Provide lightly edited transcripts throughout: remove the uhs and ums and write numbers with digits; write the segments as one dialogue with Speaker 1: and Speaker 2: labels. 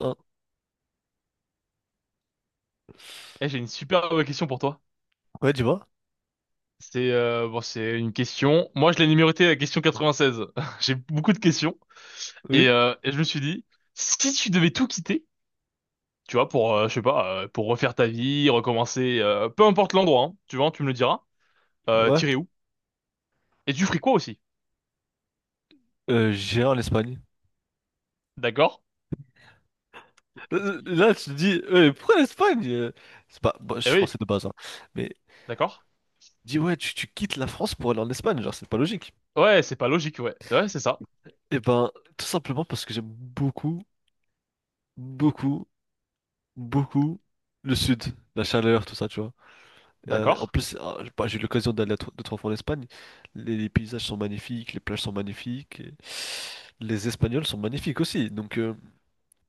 Speaker 1: Hein.
Speaker 2: Eh, j'ai une super bonne question pour toi.
Speaker 1: Ouais, dis-moi.
Speaker 2: C'est bon, c'est une question. Moi, je l'ai numérotée la question 96. J'ai beaucoup de questions et,
Speaker 1: Oui.
Speaker 2: euh, et je me suis dit, si tu devais tout quitter, tu vois, pour je sais pas, pour refaire ta vie, recommencer, peu importe l'endroit, hein, tu vois, tu me le diras. Euh,
Speaker 1: Ouais.
Speaker 2: t'irais où? Et tu ferais quoi aussi?
Speaker 1: J'irai en Espagne.
Speaker 2: D'accord? Quel
Speaker 1: Euh,
Speaker 2: casse-couille.
Speaker 1: Là, tu te dis, pourquoi l'Espagne? C'est pas... bon, je
Speaker 2: Eh
Speaker 1: suis
Speaker 2: oui,
Speaker 1: français de base, hein. Mais
Speaker 2: d'accord.
Speaker 1: dis, ouais, tu quittes la France pour aller en Espagne, genre, c'est pas logique.
Speaker 2: Ouais, c'est pas logique, ouais. Ouais, c'est ça.
Speaker 1: Eh ben, tout simplement parce que j'aime beaucoup, beaucoup, beaucoup le sud, la chaleur, tout ça, tu vois. En
Speaker 2: D'accord.
Speaker 1: plus, j'ai eu l'occasion d'aller à deux, trois fois en Espagne. Les paysages sont magnifiques, les plages sont magnifiques, et les Espagnols sont magnifiques aussi. Donc, euh,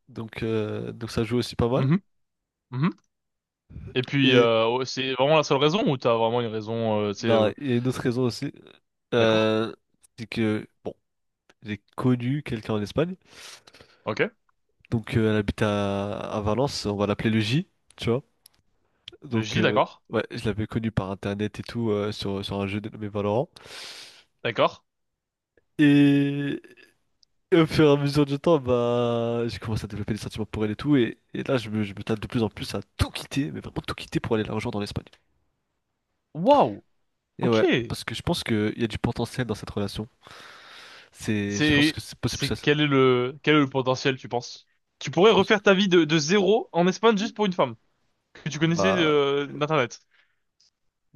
Speaker 1: donc, euh, donc ça joue aussi pas mal.
Speaker 2: Mhm, mhm. Et puis, oh, c'est vraiment la seule raison ou t'as vraiment une raison, tu sais,
Speaker 1: Non, il y a une autre raison aussi.
Speaker 2: d'accord?
Speaker 1: Euh, c'est que, bon, j'ai connu quelqu'un en Espagne.
Speaker 2: Ok.
Speaker 1: Donc, elle habite à Valence. On va l'appeler le J, tu vois.
Speaker 2: Le
Speaker 1: Donc,
Speaker 2: J,
Speaker 1: euh,
Speaker 2: d'accord?
Speaker 1: ouais, je l'avais connu par internet et tout, sur un jeu dénommé Valorant.
Speaker 2: D'accord.
Speaker 1: Et, et au fur et à mesure du temps, bah, j'ai commencé à développer des sentiments pour elle et tout. Et là, je me tâte de plus en plus à tout quitter, mais vraiment tout quitter pour aller la rejoindre en Espagne.
Speaker 2: Waouh.
Speaker 1: Et
Speaker 2: Ok.
Speaker 1: ouais, parce que je pense qu'il y a du potentiel dans cette relation. C'est, je pense
Speaker 2: C'est
Speaker 1: que c'est possible
Speaker 2: c'est
Speaker 1: que ça.
Speaker 2: quel est le potentiel, tu penses? Tu pourrais
Speaker 1: Je pense,
Speaker 2: refaire ta vie de zéro en Espagne juste pour une femme que tu connaissais
Speaker 1: bah,
Speaker 2: d'Internet.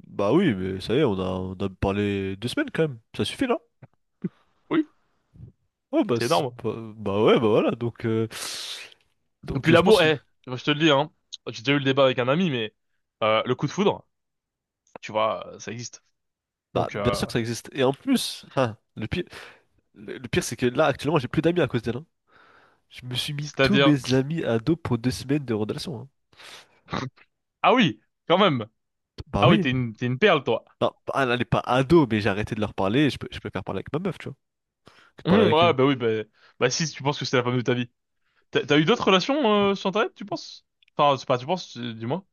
Speaker 1: bah oui, mais ça y est, on a parlé deux semaines quand même. Ça suffit là?
Speaker 2: Oui,
Speaker 1: Ouais, bah,
Speaker 2: c'est
Speaker 1: c'est
Speaker 2: énorme.
Speaker 1: pas- bah ouais, bah voilà. Donc, euh,
Speaker 2: Et
Speaker 1: donc
Speaker 2: puis
Speaker 1: euh, je pense
Speaker 2: l'amour,
Speaker 1: que.
Speaker 2: eh, moi, je te le dis, hein, j'ai déjà eu le débat avec un ami, mais le coup de foudre, tu vois, ça existe.
Speaker 1: Bah,
Speaker 2: Donc,
Speaker 1: bien sûr que ça existe. Et en plus, ah, le pire, le pire, c'est que là, actuellement, j'ai plus d'amis à cause d'elle, hein. Je me suis mis tous
Speaker 2: c'est-à-dire,
Speaker 1: mes amis ados pour deux semaines de relation, hein.
Speaker 2: ah oui, quand même.
Speaker 1: Bah
Speaker 2: Ah oui,
Speaker 1: oui.
Speaker 2: t'es une perle, toi.
Speaker 1: Non, bah, elle n'est pas ado, mais j'ai arrêté de leur parler. Et je préfère parler avec ma meuf, tu vois, que de parler avec
Speaker 2: Ouais,
Speaker 1: eux.
Speaker 2: bah oui, bah si, tu penses que c'est la femme de ta vie. T'as eu d'autres relations sur Internet, tu penses? Enfin, c'est pas, tu penses, dis-moi.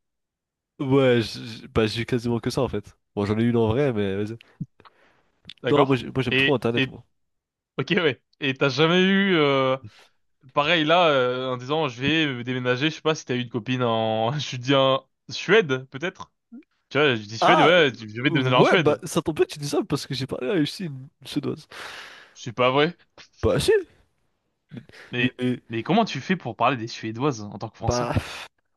Speaker 1: Ouais, bah, j'ai eu quasiment que ça en fait. Bon, j'en ai une en vrai, mais vas-y. Non,
Speaker 2: D'accord?
Speaker 1: moi, j'aime trop
Speaker 2: Et,
Speaker 1: Internet,
Speaker 2: et,
Speaker 1: moi.
Speaker 2: ok, ouais. Et t'as jamais eu, pareil là, en disant je vais déménager, je sais pas si t'as eu une copine en, je dis en Suède, peut-être? Tu vois, je dis Suède,
Speaker 1: Ah,
Speaker 2: ouais, je vais déménager en
Speaker 1: ouais, bah,
Speaker 2: Suède.
Speaker 1: ça tombe bien que tu dis ça parce que j'ai parlé à aussi une Suédoise.
Speaker 2: C'est pas vrai.
Speaker 1: Bah, si, mais, mais-
Speaker 2: Mais,
Speaker 1: mais-
Speaker 2: mais comment tu fais pour parler des Suédoises en tant que Français?
Speaker 1: bah,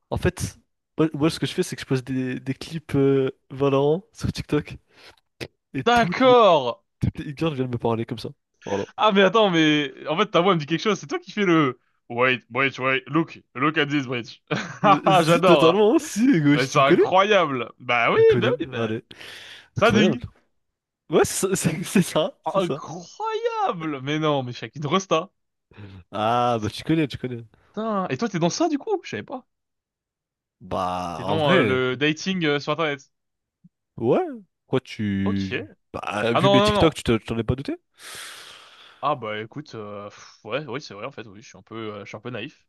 Speaker 1: en fait, moi, moi, ce que je fais, c'est que je pose des clips Valorant sur TikTok et
Speaker 2: D'accord!
Speaker 1: toutes les e-girls viennent me parler comme ça. Voilà.
Speaker 2: Ah, mais attends, mais, en fait, ta voix me dit quelque chose, c'est toi qui fais le, wait, wait, wait, look, look at this bridge.
Speaker 1: Si,
Speaker 2: J'adore, hein.
Speaker 1: totalement, si,
Speaker 2: Mais
Speaker 1: gauche, tu
Speaker 2: c'est
Speaker 1: me connais?
Speaker 2: incroyable.
Speaker 1: Tu me
Speaker 2: Bah
Speaker 1: connais,
Speaker 2: oui,
Speaker 1: allez,
Speaker 2: ça
Speaker 1: incroyable.
Speaker 2: dingue.
Speaker 1: Ouais, c'est ça, c'est ça.
Speaker 2: Incroyable! Mais non, mais Shakin Rosta.
Speaker 1: Ah, bah,
Speaker 2: C'est
Speaker 1: tu connais, tu connais.
Speaker 2: putain. Et toi, t'es dans ça du coup? Je savais pas.
Speaker 1: Bah,
Speaker 2: T'es
Speaker 1: en
Speaker 2: dans
Speaker 1: vrai,
Speaker 2: le dating sur Internet.
Speaker 1: ouais, quoi,
Speaker 2: Ok.
Speaker 1: tu. Bah,
Speaker 2: Ah
Speaker 1: vu
Speaker 2: non,
Speaker 1: mes
Speaker 2: non,
Speaker 1: TikTok,
Speaker 2: non.
Speaker 1: t'en es pas douté?
Speaker 2: Ah bah écoute, pff, ouais, oui, c'est vrai en fait, oui, je suis un peu naïf.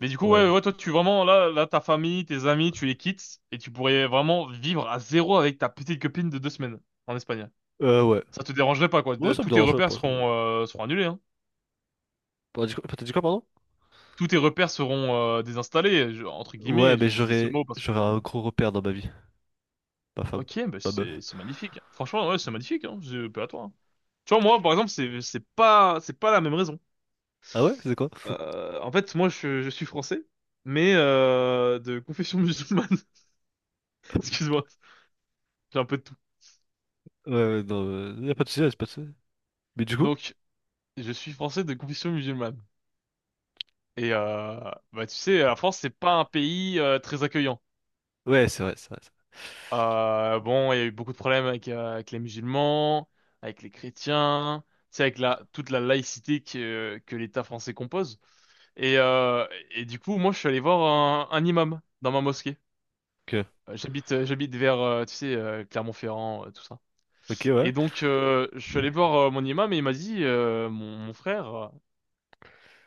Speaker 2: Mais du coup,
Speaker 1: Ouais.
Speaker 2: ouais, ouais, toi, tu vraiment, là, ta famille, tes amis, tu les quittes et tu pourrais vraiment vivre à zéro avec ta petite copine de 2 semaines en Espagne.
Speaker 1: Ouais.
Speaker 2: Ça te dérangerait pas, quoi.
Speaker 1: Ouais, ça me
Speaker 2: Tous tes
Speaker 1: dérangerait
Speaker 2: repères
Speaker 1: pas.
Speaker 2: seront annulés, hein.
Speaker 1: T'as dit quoi, pardon?
Speaker 2: Tous tes repères seront désinstallés, entre
Speaker 1: Ouais,
Speaker 2: guillemets.
Speaker 1: mais
Speaker 2: Je dis ce mot parce
Speaker 1: j'aurais
Speaker 2: que...
Speaker 1: un gros repère dans ma vie. Ma femme.
Speaker 2: Ok, bah
Speaker 1: Ma
Speaker 2: c'est
Speaker 1: meuf.
Speaker 2: c'est magnifique. Franchement, ouais, c'est magnifique, hein. Je pas à toi, hein. Tu vois, moi, par exemple, c'est c'est pas la même raison.
Speaker 1: Ah ouais? C'est quoi?
Speaker 2: En fait, moi, je suis français, mais de confession musulmane. Excuse-moi, j'ai un peu de tout.
Speaker 1: Ouais, ouais, non, y a pas de soucis, y a pas de soucis. Mais du coup?
Speaker 2: Donc, je suis français de confession musulmane. Et bah, tu sais, la France, c'est pas un pays très accueillant.
Speaker 1: Ouais, c'est vrai, c'est vrai.
Speaker 2: Bon, il y a eu beaucoup de problèmes avec les musulmans, avec les chrétiens, tu sais, avec la toute la laïcité que l'État français compose. Et, euh, et du coup, moi, je suis allé voir un imam dans ma mosquée.
Speaker 1: C'est vrai. Ok.
Speaker 2: J'habite, vers, tu sais, Clermont-Ferrand, tout ça.
Speaker 1: Ok, ouais.
Speaker 2: Et donc, je suis allé voir mon imam et il m'a dit, mon frère,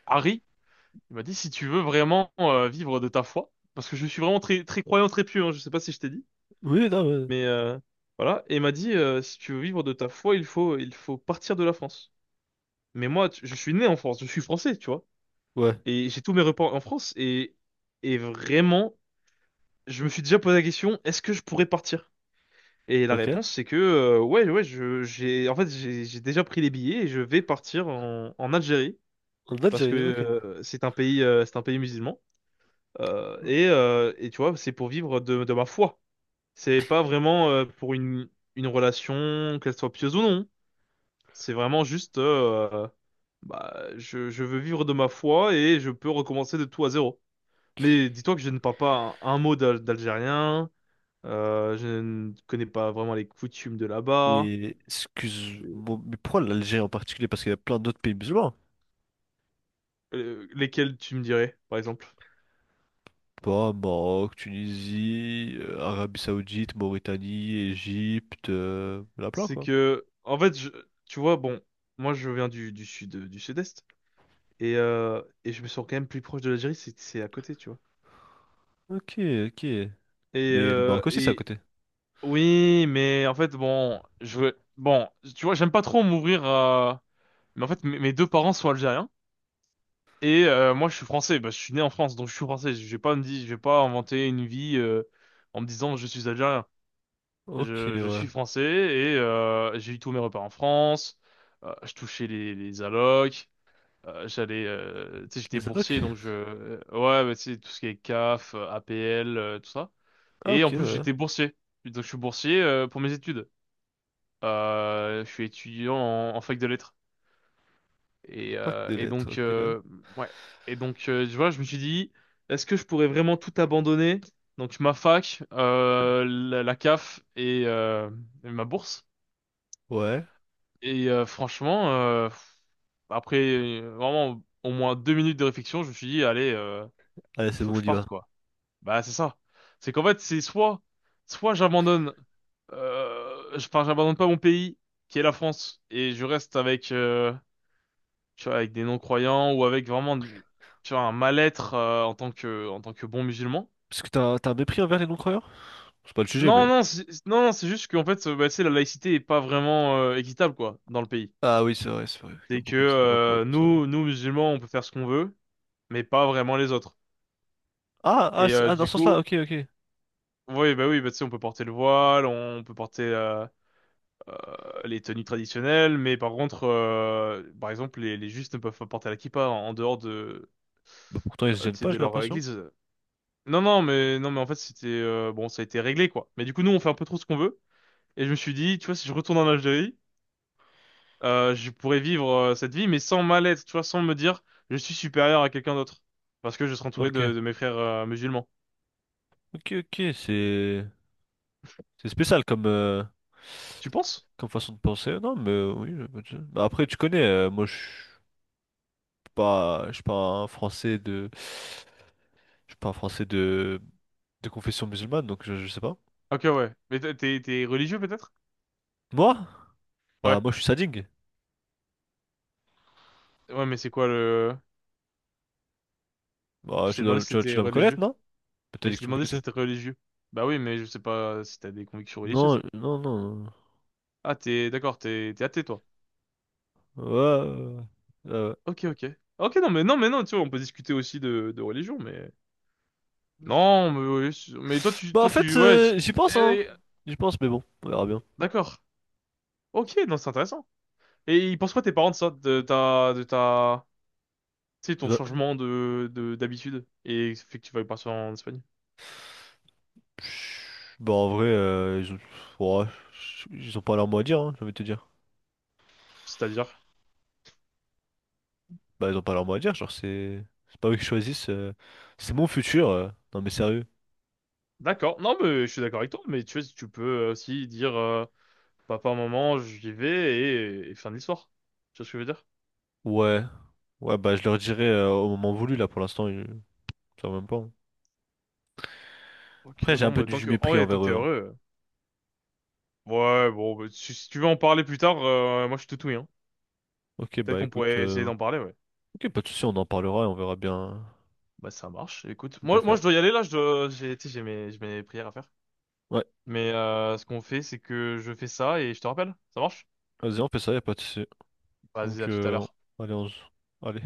Speaker 2: Harry, il m'a dit, si tu veux vraiment vivre de ta foi, parce que je suis vraiment très, très croyant, très pieux, hein, je sais pas si je t'ai dit,
Speaker 1: Oui, non, ouais.
Speaker 2: mais voilà. Et il m'a dit, si tu veux vivre de ta foi, il faut, partir de la France. Mais moi, je suis né en France, je suis français, tu vois.
Speaker 1: Ouais.
Speaker 2: Et j'ai tous mes repas en France et vraiment, je me suis déjà posé la question, est-ce que je pourrais partir? Et la
Speaker 1: Ok.
Speaker 2: réponse, c'est que ouais, ouais, j'ai, en fait, j'ai déjà pris les billets et je vais partir en, Algérie
Speaker 1: En
Speaker 2: parce que
Speaker 1: Algérie, ok.
Speaker 2: c'est un pays, musulman. Et tu vois, c'est pour vivre de, ma foi. C'est pas vraiment pour une relation, qu'elle soit pieuse ou non. C'est vraiment juste, bah, je veux vivre de ma foi et je peux recommencer de tout à zéro. Mais dis-toi que je ne parle pas un mot d'algérien. Je ne connais pas vraiment les coutumes de là-bas.
Speaker 1: Et excuse-moi,
Speaker 2: C'est-
Speaker 1: mais pourquoi l'Algérie en particulier? Parce qu'il y a plein d'autres pays musulmans, hein.
Speaker 2: Lesquelles tu me dirais, par exemple?
Speaker 1: Pas Maroc, Tunisie, Arabie Saoudite, Mauritanie, Égypte, il y en a plein
Speaker 2: C'est
Speaker 1: quoi.
Speaker 2: que, en fait, tu vois, bon, moi je viens du, sud, du sud-est, et je me sens quand même plus proche de l'Algérie, c'est à côté, tu vois.
Speaker 1: Ok, ok.
Speaker 2: Et,
Speaker 1: Mais le
Speaker 2: euh,
Speaker 1: Maroc aussi, c'est à
Speaker 2: et
Speaker 1: côté.
Speaker 2: oui, mais en fait, bon, je veux, bon, tu vois, j'aime pas trop m'ouvrir à... Mais en fait, mes deux parents sont algériens, et moi je suis français, bah, je suis né en France, donc je suis français, je vais pas me dire, je vais pas inventer une vie en me disant je suis algérien.
Speaker 1: Ok,
Speaker 2: Je
Speaker 1: ouais.
Speaker 2: suis français et j'ai eu tous mes repas en France. Je touchais les allocs. J'allais, tu sais, j'étais
Speaker 1: Les allocs?
Speaker 2: boursier, donc je, ouais, bah, tu sais, tout ce qui est CAF, APL, tout ça.
Speaker 1: Ah,
Speaker 2: Et en
Speaker 1: ok,
Speaker 2: plus,
Speaker 1: ouais.
Speaker 2: j'étais boursier. Donc, je suis boursier pour mes études. Je suis étudiant en, fac de lettres. Et,
Speaker 1: Pack
Speaker 2: euh,
Speaker 1: de
Speaker 2: et
Speaker 1: lettres,
Speaker 2: donc,
Speaker 1: ok, ouais.
Speaker 2: ouais. Et donc, tu vois, je me suis dit, est-ce que je pourrais vraiment tout abandonner? Donc, ma fac, la CAF et ma bourse.
Speaker 1: Ouais.
Speaker 2: Et franchement, après vraiment au moins 2 minutes de réflexion, je me suis dit, allez,
Speaker 1: Allez,
Speaker 2: il
Speaker 1: c'est
Speaker 2: faut
Speaker 1: bon,
Speaker 2: que
Speaker 1: on
Speaker 2: je
Speaker 1: y
Speaker 2: parte,
Speaker 1: va.
Speaker 2: quoi. Bah, c'est ça. C'est qu'en fait, c'est soit j'abandonne, enfin, j'abandonne pas mon pays, qui est la France, et je reste avec, tu vois, avec des non-croyants ou avec vraiment, tu vois, un mal-être en tant que, bon musulman.
Speaker 1: Parce que t'as t'as un mépris envers les non-croyants? C'est pas le sujet,
Speaker 2: Non,
Speaker 1: mais.
Speaker 2: non, non, non, c'est juste qu'en fait, bah, tu sais, la laïcité est pas vraiment équitable, quoi, dans le pays.
Speaker 1: Ah oui, c'est vrai, c'est vrai. Il y a
Speaker 2: C'est que
Speaker 1: beaucoup d'islamophobes, tout ça, ouais.
Speaker 2: nous, nous musulmans, on peut faire ce qu'on veut, mais pas vraiment les autres.
Speaker 1: Ah, ah,
Speaker 2: Et
Speaker 1: ah, dans
Speaker 2: du
Speaker 1: ce sens-là,
Speaker 2: coup,
Speaker 1: ok, ok.
Speaker 2: oui, bah tu sais, on peut porter le voile, on peut porter euh, les tenues traditionnelles, mais par contre, par exemple, les justes ne peuvent pas porter la kippa en, dehors de,
Speaker 1: Bah, pourtant, ils se gênent
Speaker 2: tu sais,
Speaker 1: pas,
Speaker 2: de
Speaker 1: j'ai
Speaker 2: leur
Speaker 1: l'impression.
Speaker 2: église. Non, non, mais non, mais en fait, c'était bon, ça a été réglé quoi. Mais du coup, nous, on fait un peu trop ce qu'on veut. Et je me suis dit, tu vois, si je retourne en Algérie, je pourrais vivre cette vie, mais sans mal être, tu vois, sans me dire, je suis supérieur à quelqu'un d'autre, parce que je serai entouré
Speaker 1: Ok.
Speaker 2: de, mes frères musulmans.
Speaker 1: Ok, ok, c'est. C'est spécial comme.
Speaker 2: Tu penses?
Speaker 1: Comme façon de penser. Non, mais oui, bah, après, tu connais, moi, je suis pas. Je suis pas un Français de. Je suis pas un Français de confession musulmane, donc je sais pas.
Speaker 2: Ok, ouais. Mais t'es religieux peut-être?
Speaker 1: Moi?
Speaker 2: Ouais.
Speaker 1: Bah, moi, je suis sadique.
Speaker 2: Ouais, mais c'est quoi le...
Speaker 1: Bah,
Speaker 2: Je t'ai demandé si
Speaker 1: tu
Speaker 2: t'étais
Speaker 1: dois me connaître,
Speaker 2: religieux.
Speaker 1: non?
Speaker 2: Mais
Speaker 1: Peut-être
Speaker 2: je
Speaker 1: que
Speaker 2: t'ai
Speaker 1: tu me
Speaker 2: demandé
Speaker 1: connaissais.
Speaker 2: si t'étais religieux. Bah oui, mais je sais pas si t'as des convictions religieuses.
Speaker 1: Non, non, non.
Speaker 2: Ah, t'es... D'accord, t'es athée, toi.
Speaker 1: Ouais, ouais, ouais. Ouais, ouais.
Speaker 2: Ok, ok. Ok, non, mais non, mais non, tu vois, on peut discuter aussi de, religion, mais... Non, mais, oui, mais toi, tu...
Speaker 1: Bah, en
Speaker 2: Toi,
Speaker 1: fait,
Speaker 2: tu... Ouais,
Speaker 1: j'y pense, hein.
Speaker 2: eh,
Speaker 1: J'y pense, mais bon, on verra bien.
Speaker 2: d'accord. Ok, non, c'est intéressant. Et ils pensent quoi tes parents de ça? De ta... Tu sais, ton
Speaker 1: Bah,
Speaker 2: changement de... d'habitude. Et fait que tu vas partir en Espagne.
Speaker 1: pff, bah, en vrai, ouais, ils ont pas leur mot à dire, hein, j'ai envie de te dire.
Speaker 2: C'est-à-dire?
Speaker 1: Bah, ils ont pas leur mot à dire, genre, c'est pas eux qui choisissent. C'est mon futur. Non, mais sérieux.
Speaker 2: D'accord. Non, mais je suis d'accord avec toi, mais tu vois, tu peux aussi dire papa, maman, j'y vais et fin de l'histoire. Tu vois ce que je veux dire?
Speaker 1: Ouais. Ouais, bah, je leur dirai au moment voulu, là, pour l'instant. Quand même pas, hein.
Speaker 2: Ok,
Speaker 1: Après, j'ai un
Speaker 2: bon,
Speaker 1: peu
Speaker 2: mais tant
Speaker 1: du
Speaker 2: que, en
Speaker 1: mépris
Speaker 2: vrai, tant que
Speaker 1: envers
Speaker 2: t'es
Speaker 1: eux, hein.
Speaker 2: heureux, ouais, bon, bah, si tu veux en parler plus tard, moi je suis tout oui, hein.
Speaker 1: Ok,
Speaker 2: Peut-être
Speaker 1: bah
Speaker 2: qu'on
Speaker 1: écoute,
Speaker 2: pourrait essayer d'en parler, ouais.
Speaker 1: ok, pas de souci, on en parlera et on verra bien
Speaker 2: Bah ça marche. Écoute,
Speaker 1: ce qu'on peut
Speaker 2: moi
Speaker 1: faire.
Speaker 2: je dois y aller là, j'ai, tu sais, j'ai mes prières à faire.
Speaker 1: Ouais,
Speaker 2: Mais ce qu'on fait, c'est que je fais ça et je te rappelle. Ça marche?
Speaker 1: vas-y, on fait ça, y a pas de souci.
Speaker 2: Vas-y,
Speaker 1: Donc,
Speaker 2: à tout à
Speaker 1: euh,
Speaker 2: l'heure.
Speaker 1: Allez, allez.